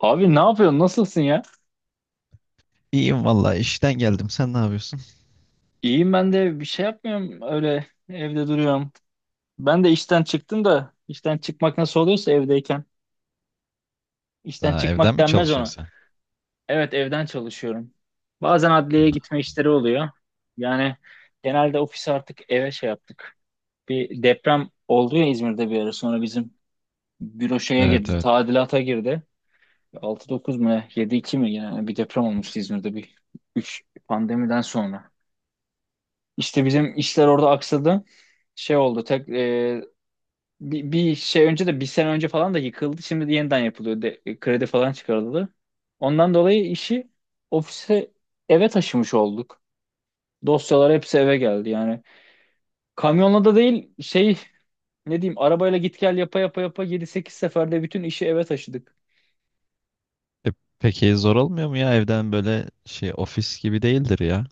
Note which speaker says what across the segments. Speaker 1: Abi ne yapıyorsun? Nasılsın ya?
Speaker 2: İyiyim vallahi işten geldim. Sen ne yapıyorsun?
Speaker 1: İyiyim ben de bir şey yapmıyorum. Öyle evde duruyorum. Ben de işten çıktım da işten çıkmak nasıl oluyorsa evdeyken. İşten
Speaker 2: Ha, evden
Speaker 1: çıkmak
Speaker 2: mi
Speaker 1: denmez ona.
Speaker 2: çalışıyorsun sen?
Speaker 1: Evet evden çalışıyorum. Bazen adliyeye gitme işleri oluyor. Yani genelde ofisi artık eve şey yaptık. Bir deprem oldu ya İzmir'de bir ara sonra bizim büro şeye
Speaker 2: Evet
Speaker 1: girdi.
Speaker 2: evet.
Speaker 1: Tadilata girdi. 6-9 mu ne? 7-2 mi? Yani bir deprem olmuştu İzmir'de bir 3 pandemiden sonra. İşte bizim işler orada aksadı. Şey oldu. Tek bir şey önce de bir sene önce falan da yıkıldı. Şimdi de yeniden yapılıyor. De, kredi falan çıkarıldı. Ondan dolayı işi ofise eve taşımış olduk. Dosyalar hepsi eve geldi yani. Kamyonla da değil şey ne diyeyim arabayla git gel yapa yapa yapa yedi sekiz seferde bütün işi eve taşıdık.
Speaker 2: E, peki zor olmuyor mu ya evden böyle şey ofis gibi değildir ya.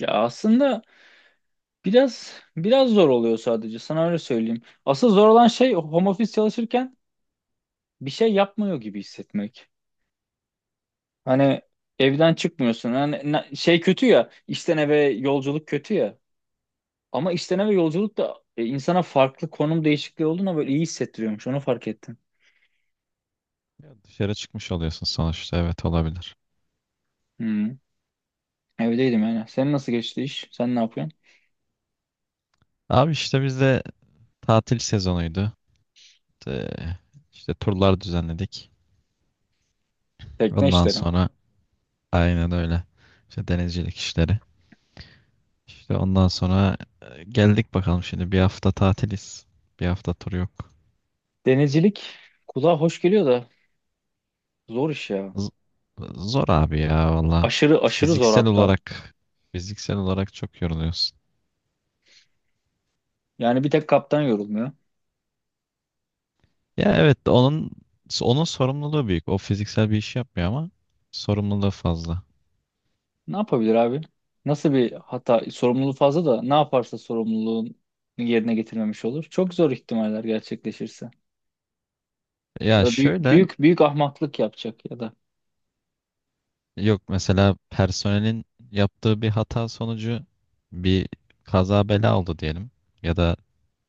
Speaker 1: Ya aslında biraz zor oluyor sadece sana öyle söyleyeyim. Asıl zor olan şey home office çalışırken bir şey yapmıyor gibi hissetmek. Hani evden çıkmıyorsun. Hani şey kötü ya. İşten eve yolculuk kötü ya. Ama işten eve yolculuk da insana farklı konum değişikliği olduğuna böyle iyi hissettiriyormuş. Onu fark ettim.
Speaker 2: Ya dışarı çıkmış oluyorsun sonuçta. Evet olabilir.
Speaker 1: Hmm. Evdeydim yani. Senin nasıl geçti iş? Sen ne yapıyorsun?
Speaker 2: Abi işte bizde tatil sezonuydu. E, işte turlar düzenledik.
Speaker 1: Tekne
Speaker 2: Ondan
Speaker 1: işleri.
Speaker 2: sonra aynen öyle. İşte denizcilik işleri. İşte ondan sonra geldik bakalım şimdi bir hafta tatiliz. Bir hafta tur yok.
Speaker 1: Denizcilik kulağa hoş geliyor da zor iş ya.
Speaker 2: Z- Zor abi ya valla.
Speaker 1: Aşırı aşırı zor
Speaker 2: Fiziksel
Speaker 1: hatta.
Speaker 2: olarak fiziksel olarak çok yoruluyorsun.
Speaker 1: Yani bir tek kaptan yorulmuyor.
Speaker 2: Ya evet onun sorumluluğu büyük. O fiziksel bir iş yapmıyor ama sorumluluğu fazla.
Speaker 1: Ne yapabilir abi? Nasıl bir hata, sorumluluğu fazla da ne yaparsa sorumluluğun yerine getirmemiş olur. Çok zor ihtimaller gerçekleşirse.
Speaker 2: Ya
Speaker 1: Ya da büyük
Speaker 2: şöyle
Speaker 1: büyük, büyük ahmaklık yapacak ya da
Speaker 2: yok mesela personelin yaptığı bir hata sonucu bir kaza bela oldu diyelim ya da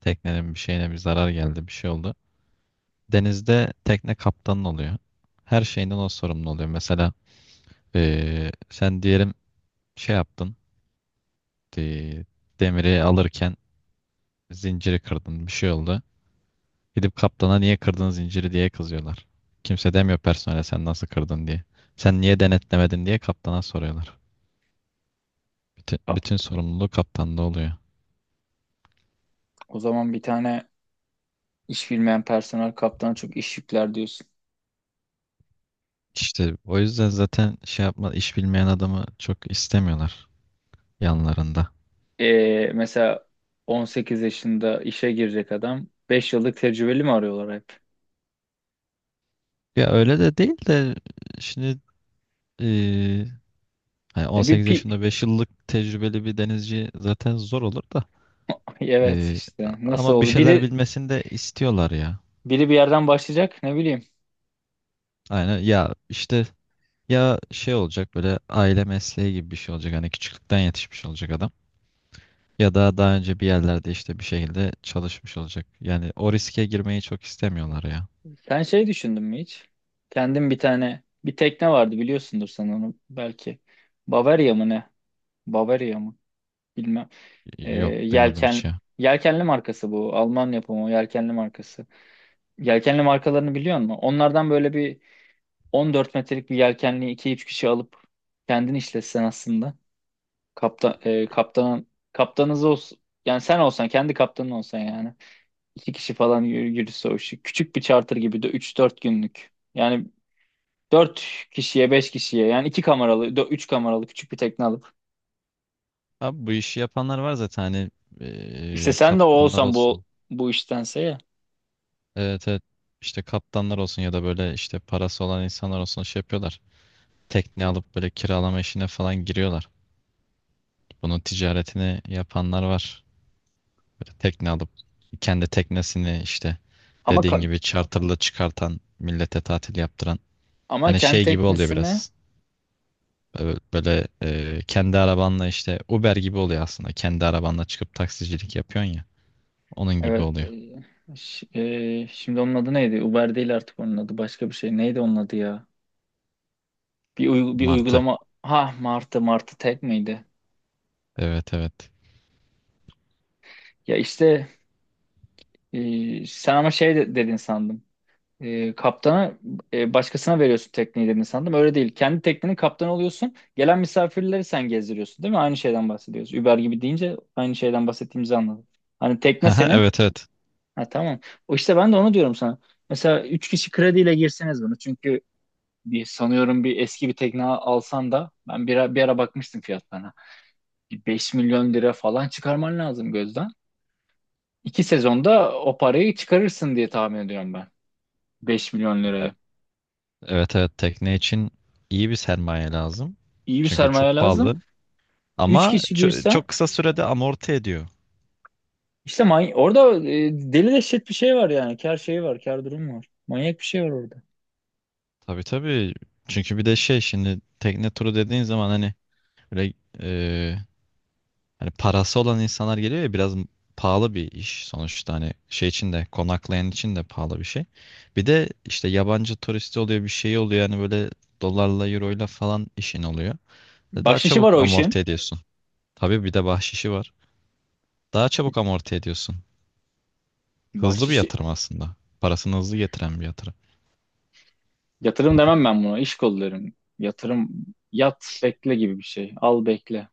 Speaker 2: teknenin bir şeyine bir zarar geldi bir şey oldu. Denizde tekne kaptanın oluyor. Her şeyinden o sorumlu oluyor. Mesela sen diyelim şey yaptın. Gitti. Demiri alırken zinciri kırdın. Bir şey oldu. Gidip kaptana niye kırdın zinciri diye kızıyorlar. Kimse demiyor personele sen nasıl kırdın diye. Sen niye denetlemedin diye kaptana soruyorlar. Bütün,
Speaker 1: kap.
Speaker 2: bütün sorumluluğu kaptanda oluyor.
Speaker 1: O zaman bir tane iş bilmeyen personel kaptana çok iş yükler diyorsun.
Speaker 2: İşte o yüzden zaten şey yapma iş bilmeyen adamı çok istemiyorlar yanlarında.
Speaker 1: Mesela 18 yaşında işe girecek adam 5 yıllık tecrübeli mi arıyorlar hep?
Speaker 2: Ya öyle de değil de şimdi eee, hani
Speaker 1: Ya bir
Speaker 2: 18
Speaker 1: pi
Speaker 2: yaşında 5 yıllık tecrübeli bir denizci zaten zor olur da
Speaker 1: evet
Speaker 2: eee,
Speaker 1: işte nasıl
Speaker 2: ama bir
Speaker 1: oldu?
Speaker 2: şeyler bilmesini de istiyorlar ya.
Speaker 1: Biri bir yerden başlayacak ne bileyim.
Speaker 2: Aynen ya işte ya şey olacak böyle aile mesleği gibi bir şey olacak hani küçüklükten yetişmiş olacak adam ya da daha önce bir yerlerde işte bir şekilde çalışmış olacak. Yani o riske girmeyi çok istemiyorlar ya.
Speaker 1: Sen şey düşündün mü hiç? Kendim bir tane bir tekne vardı biliyorsundur sen onu belki. Bavaria mı ne? Bavaria mı? Bilmem. Ee,
Speaker 2: Yok duymadım hiç
Speaker 1: yelken
Speaker 2: ya.
Speaker 1: yelkenli markası bu. Alman yapımı yelkenli markası. Yelkenli markalarını biliyor musun? Onlardan böyle bir 14 metrelik bir yelkenli iki üç kişi alıp kendin işletsen aslında. Kaptan e, kaptanın kaptanınız olsun. Yani sen olsan kendi kaptanın olsan yani. İki kişi falan yürüse o işi. Küçük bir charter gibi de üç dört günlük. Yani dört kişiye 5 kişiye yani 2 kameralı 3 kameralı küçük bir tekne alıp.
Speaker 2: Abi bu işi yapanlar var zaten hani
Speaker 1: İşte sen de o
Speaker 2: kaptanlar
Speaker 1: olsan
Speaker 2: olsun.
Speaker 1: bu iştense ya.
Speaker 2: Evet evet, işte kaptanlar olsun ya da böyle işte parası olan insanlar olsun şey yapıyorlar. Tekne alıp böyle kiralama işine falan giriyorlar. Bunun ticaretini yapanlar var. Böyle tekne alıp kendi teknesini işte
Speaker 1: Ama
Speaker 2: dediğin
Speaker 1: ka-
Speaker 2: gibi charterla çıkartan millete tatil yaptıran.
Speaker 1: Ama
Speaker 2: Hani
Speaker 1: kendi
Speaker 2: şey gibi oluyor
Speaker 1: teknesini
Speaker 2: biraz. Böyle kendi arabanla işte Uber gibi oluyor aslında. Kendi arabanla çıkıp taksicilik yapıyorsun ya. Onun gibi
Speaker 1: evet
Speaker 2: oluyor.
Speaker 1: şimdi onun adı neydi? Uber değil artık onun adı başka bir şey. Neydi onun adı ya? Bir
Speaker 2: Martı.
Speaker 1: uygulama ha Martı Martı tek miydi?
Speaker 2: Evet evet.
Speaker 1: Ya işte sen ama dedin sandım. E, kaptana başkasına veriyorsun tekneyi dedin sandım. Öyle değil. Kendi teknenin kaptanı oluyorsun. Gelen misafirleri sen gezdiriyorsun değil mi? Aynı şeyden bahsediyoruz. Uber gibi deyince aynı şeyden bahsettiğimizi anladım. Hani tekne
Speaker 2: Haha,
Speaker 1: senin.
Speaker 2: evet evet.
Speaker 1: Ha tamam. O işte ben de onu diyorum sana. Mesela 3 kişi krediyle girseniz bunu. Çünkü bir, sanıyorum bir eski bir tekne alsan da ben bir ara bakmıştım fiyatlarına. Bir 5.000.000 lira falan çıkarman lazım gözden. İki sezonda o parayı çıkarırsın diye tahmin ediyorum ben. beş milyon
Speaker 2: Ya, e-
Speaker 1: lirayı.
Speaker 2: evet evet, tekne için iyi bir sermaye lazım.
Speaker 1: İyi bir
Speaker 2: Çünkü
Speaker 1: sermaye
Speaker 2: çok pahalı.
Speaker 1: lazım. Üç
Speaker 2: Ama
Speaker 1: kişi girse
Speaker 2: çok kısa sürede amorti ediyor.
Speaker 1: işte orada deli dehşet bir şey var yani. Kar şeyi var, kar durumu var. Manyak bir şey var orada.
Speaker 2: Tabii tabii. Çünkü bir de şey şimdi tekne turu dediğin zaman hani böyle e, hani parası olan insanlar geliyor ya, biraz pahalı bir iş sonuçta, hani şey için de konaklayan için de pahalı bir şey. Bir de işte yabancı turisti oluyor bir şey oluyor, yani böyle dolarla euroyla falan işin oluyor. Ve daha
Speaker 1: Bahşişi var
Speaker 2: çabuk
Speaker 1: o
Speaker 2: amorti
Speaker 1: işin.
Speaker 2: ediyorsun. Tabii bir de bahşişi var. Daha çabuk amorti ediyorsun. Hızlı bir
Speaker 1: Bahşişi.
Speaker 2: yatırım aslında. Parasını hızlı getiren bir yatırım.
Speaker 1: Yatırım demem ben buna. İş kolu derim. Yatırım yat bekle gibi bir şey. Al bekle.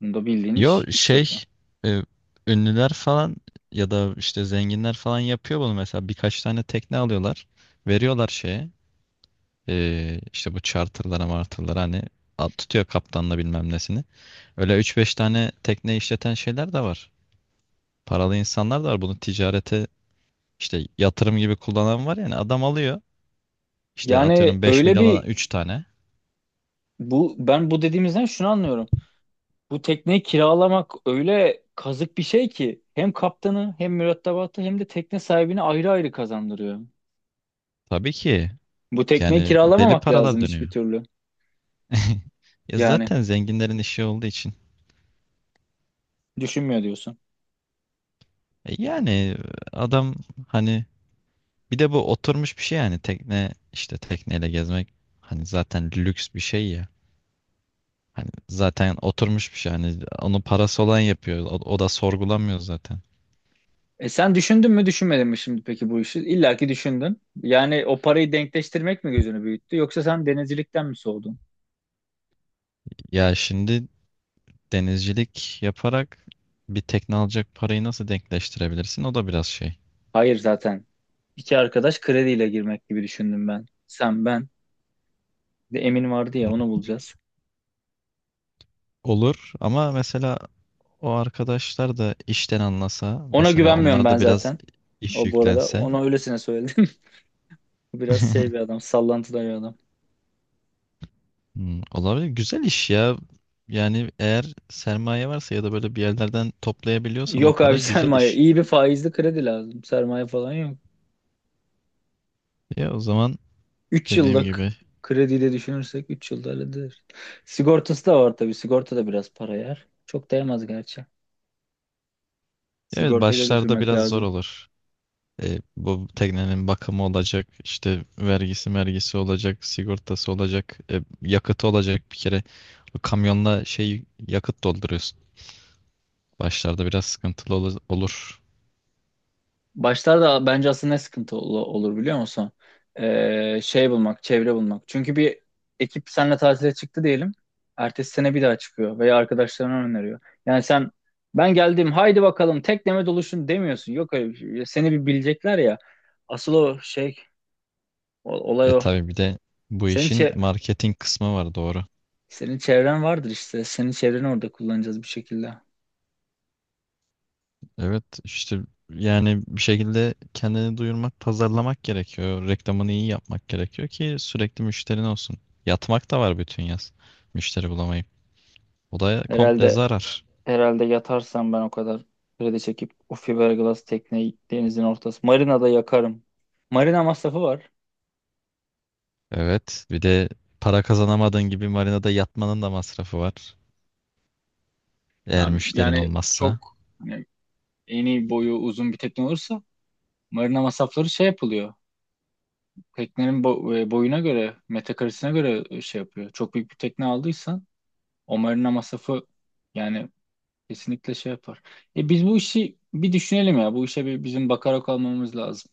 Speaker 1: Bunda bildiğin
Speaker 2: Yo
Speaker 1: iş, iş yapıyor.
Speaker 2: şey, e, ünlüler falan ya da işte zenginler falan yapıyor bunu, mesela birkaç tane tekne alıyorlar. Veriyorlar şeye. İşte bu charterlara martırlara hani at tutuyor kaptanla bilmem nesini. Öyle üç beş tane tekne işleten şeyler de var. Paralı insanlar da var. Bunu ticarete işte yatırım gibi kullanan var, yani adam alıyor. İşte
Speaker 1: Yani
Speaker 2: atıyorum 5
Speaker 1: öyle
Speaker 2: milyona
Speaker 1: bir
Speaker 2: 3 tane.
Speaker 1: bu ben bu dediğimizden şunu anlıyorum. Bu tekneyi kiralamak öyle kazık bir şey ki hem kaptanı hem mürettebatı hem de tekne sahibini ayrı ayrı kazandırıyor.
Speaker 2: Tabii ki,
Speaker 1: Bu tekneyi
Speaker 2: yani deli
Speaker 1: kiralamamak
Speaker 2: paralar
Speaker 1: lazım hiçbir
Speaker 2: dönüyor.
Speaker 1: türlü.
Speaker 2: Ya
Speaker 1: Yani
Speaker 2: zaten zenginlerin işi olduğu için.
Speaker 1: düşünmüyor diyorsun.
Speaker 2: Yani adam hani bir de bu oturmuş bir şey, yani tekne işte tekneyle gezmek hani zaten lüks bir şey ya. Hani zaten oturmuş bir şey. Hani onu parası olan yapıyor. O da sorgulamıyor zaten.
Speaker 1: E sen düşündün mü düşünmedin mi şimdi peki bu işi? İlla ki düşündün. Yani o parayı denkleştirmek mi gözünü büyüttü yoksa sen denizcilikten mi soğudun?
Speaker 2: Ya şimdi denizcilik yaparak bir tekne alacak parayı nasıl denkleştirebilirsin? O da biraz şey.
Speaker 1: Hayır zaten. İki arkadaş krediyle girmek gibi düşündüm ben. Sen ben. Bir de Emin vardı ya onu bulacağız.
Speaker 2: Olur ama mesela o arkadaşlar da işten anlasa,
Speaker 1: Ona
Speaker 2: mesela
Speaker 1: güvenmiyorum
Speaker 2: onlar
Speaker 1: ben
Speaker 2: da biraz
Speaker 1: zaten.
Speaker 2: iş
Speaker 1: O bu arada
Speaker 2: yüklense.
Speaker 1: ona öylesine söyledim. Biraz şey bir adam, sallantıda bir adam.
Speaker 2: Hmm, olabilir. Güzel iş ya. Yani eğer sermaye varsa ya da böyle bir yerlerden toplayabiliyorsan o
Speaker 1: Yok abi
Speaker 2: parayı, güzel
Speaker 1: sermaye.
Speaker 2: iş.
Speaker 1: İyi bir faizli kredi lazım. Sermaye falan yok.
Speaker 2: Ya o zaman
Speaker 1: 3
Speaker 2: dediğim
Speaker 1: yıllık
Speaker 2: gibi,
Speaker 1: krediyle düşünürsek 3 yılda halledilir. Sigortası da var tabii. Sigorta da biraz para yer. Çok değmez gerçi.
Speaker 2: evet,
Speaker 1: Sigortayı da
Speaker 2: başlarda
Speaker 1: düşünmek
Speaker 2: biraz zor
Speaker 1: lazım.
Speaker 2: olur. Bu teknenin bakımı olacak, işte vergisi olacak, sigortası olacak, yakıtı olacak bir kere. Bu kamyonla şey yakıt dolduruyorsun. Başlarda biraz sıkıntılı olur.
Speaker 1: Başlarda bence aslında ne sıkıntı olur biliyor musun? Şey bulmak, çevre bulmak. Çünkü bir ekip seninle tatile çıktı diyelim. Ertesi sene bir daha çıkıyor veya arkadaşlarına öneriyor. Yani sen ben geldim haydi bakalım tekneme doluşun demiyorsun. Yok öyle bir şey. Seni bir bilecekler ya. Asıl o şey olay o.
Speaker 2: Tabii bir de bu
Speaker 1: Senin
Speaker 2: işin
Speaker 1: çe-
Speaker 2: marketing kısmı var, doğru.
Speaker 1: Senin çevren vardır işte. Senin çevreni orada kullanacağız bir şekilde.
Speaker 2: Evet işte, yani bir şekilde kendini duyurmak, pazarlamak gerekiyor. Reklamını iyi yapmak gerekiyor ki sürekli müşterin olsun. Yatmak da var bütün yaz. Müşteri bulamayıp. O da komple
Speaker 1: Herhalde
Speaker 2: zarar.
Speaker 1: Herhalde yatarsam ben o kadar kredi çekip o fiberglass tekneyi denizin ortası. Marina'da yakarım. Marina masrafı var.
Speaker 2: Evet. Bir de para kazanamadığın gibi marinada yatmanın da masrafı var. Eğer
Speaker 1: Ben
Speaker 2: müşterin
Speaker 1: yani
Speaker 2: olmazsa.
Speaker 1: çok hani eni boyu uzun bir tekne olursa marina masrafları şey yapılıyor. Teknenin boyuna göre, metrekaresine göre şey yapıyor. Çok büyük bir tekne aldıysan o marina masrafı yani kesinlikle şey yapar. E biz bu işi bir düşünelim ya. Bu işe bir bizim bakarak olmamız lazım.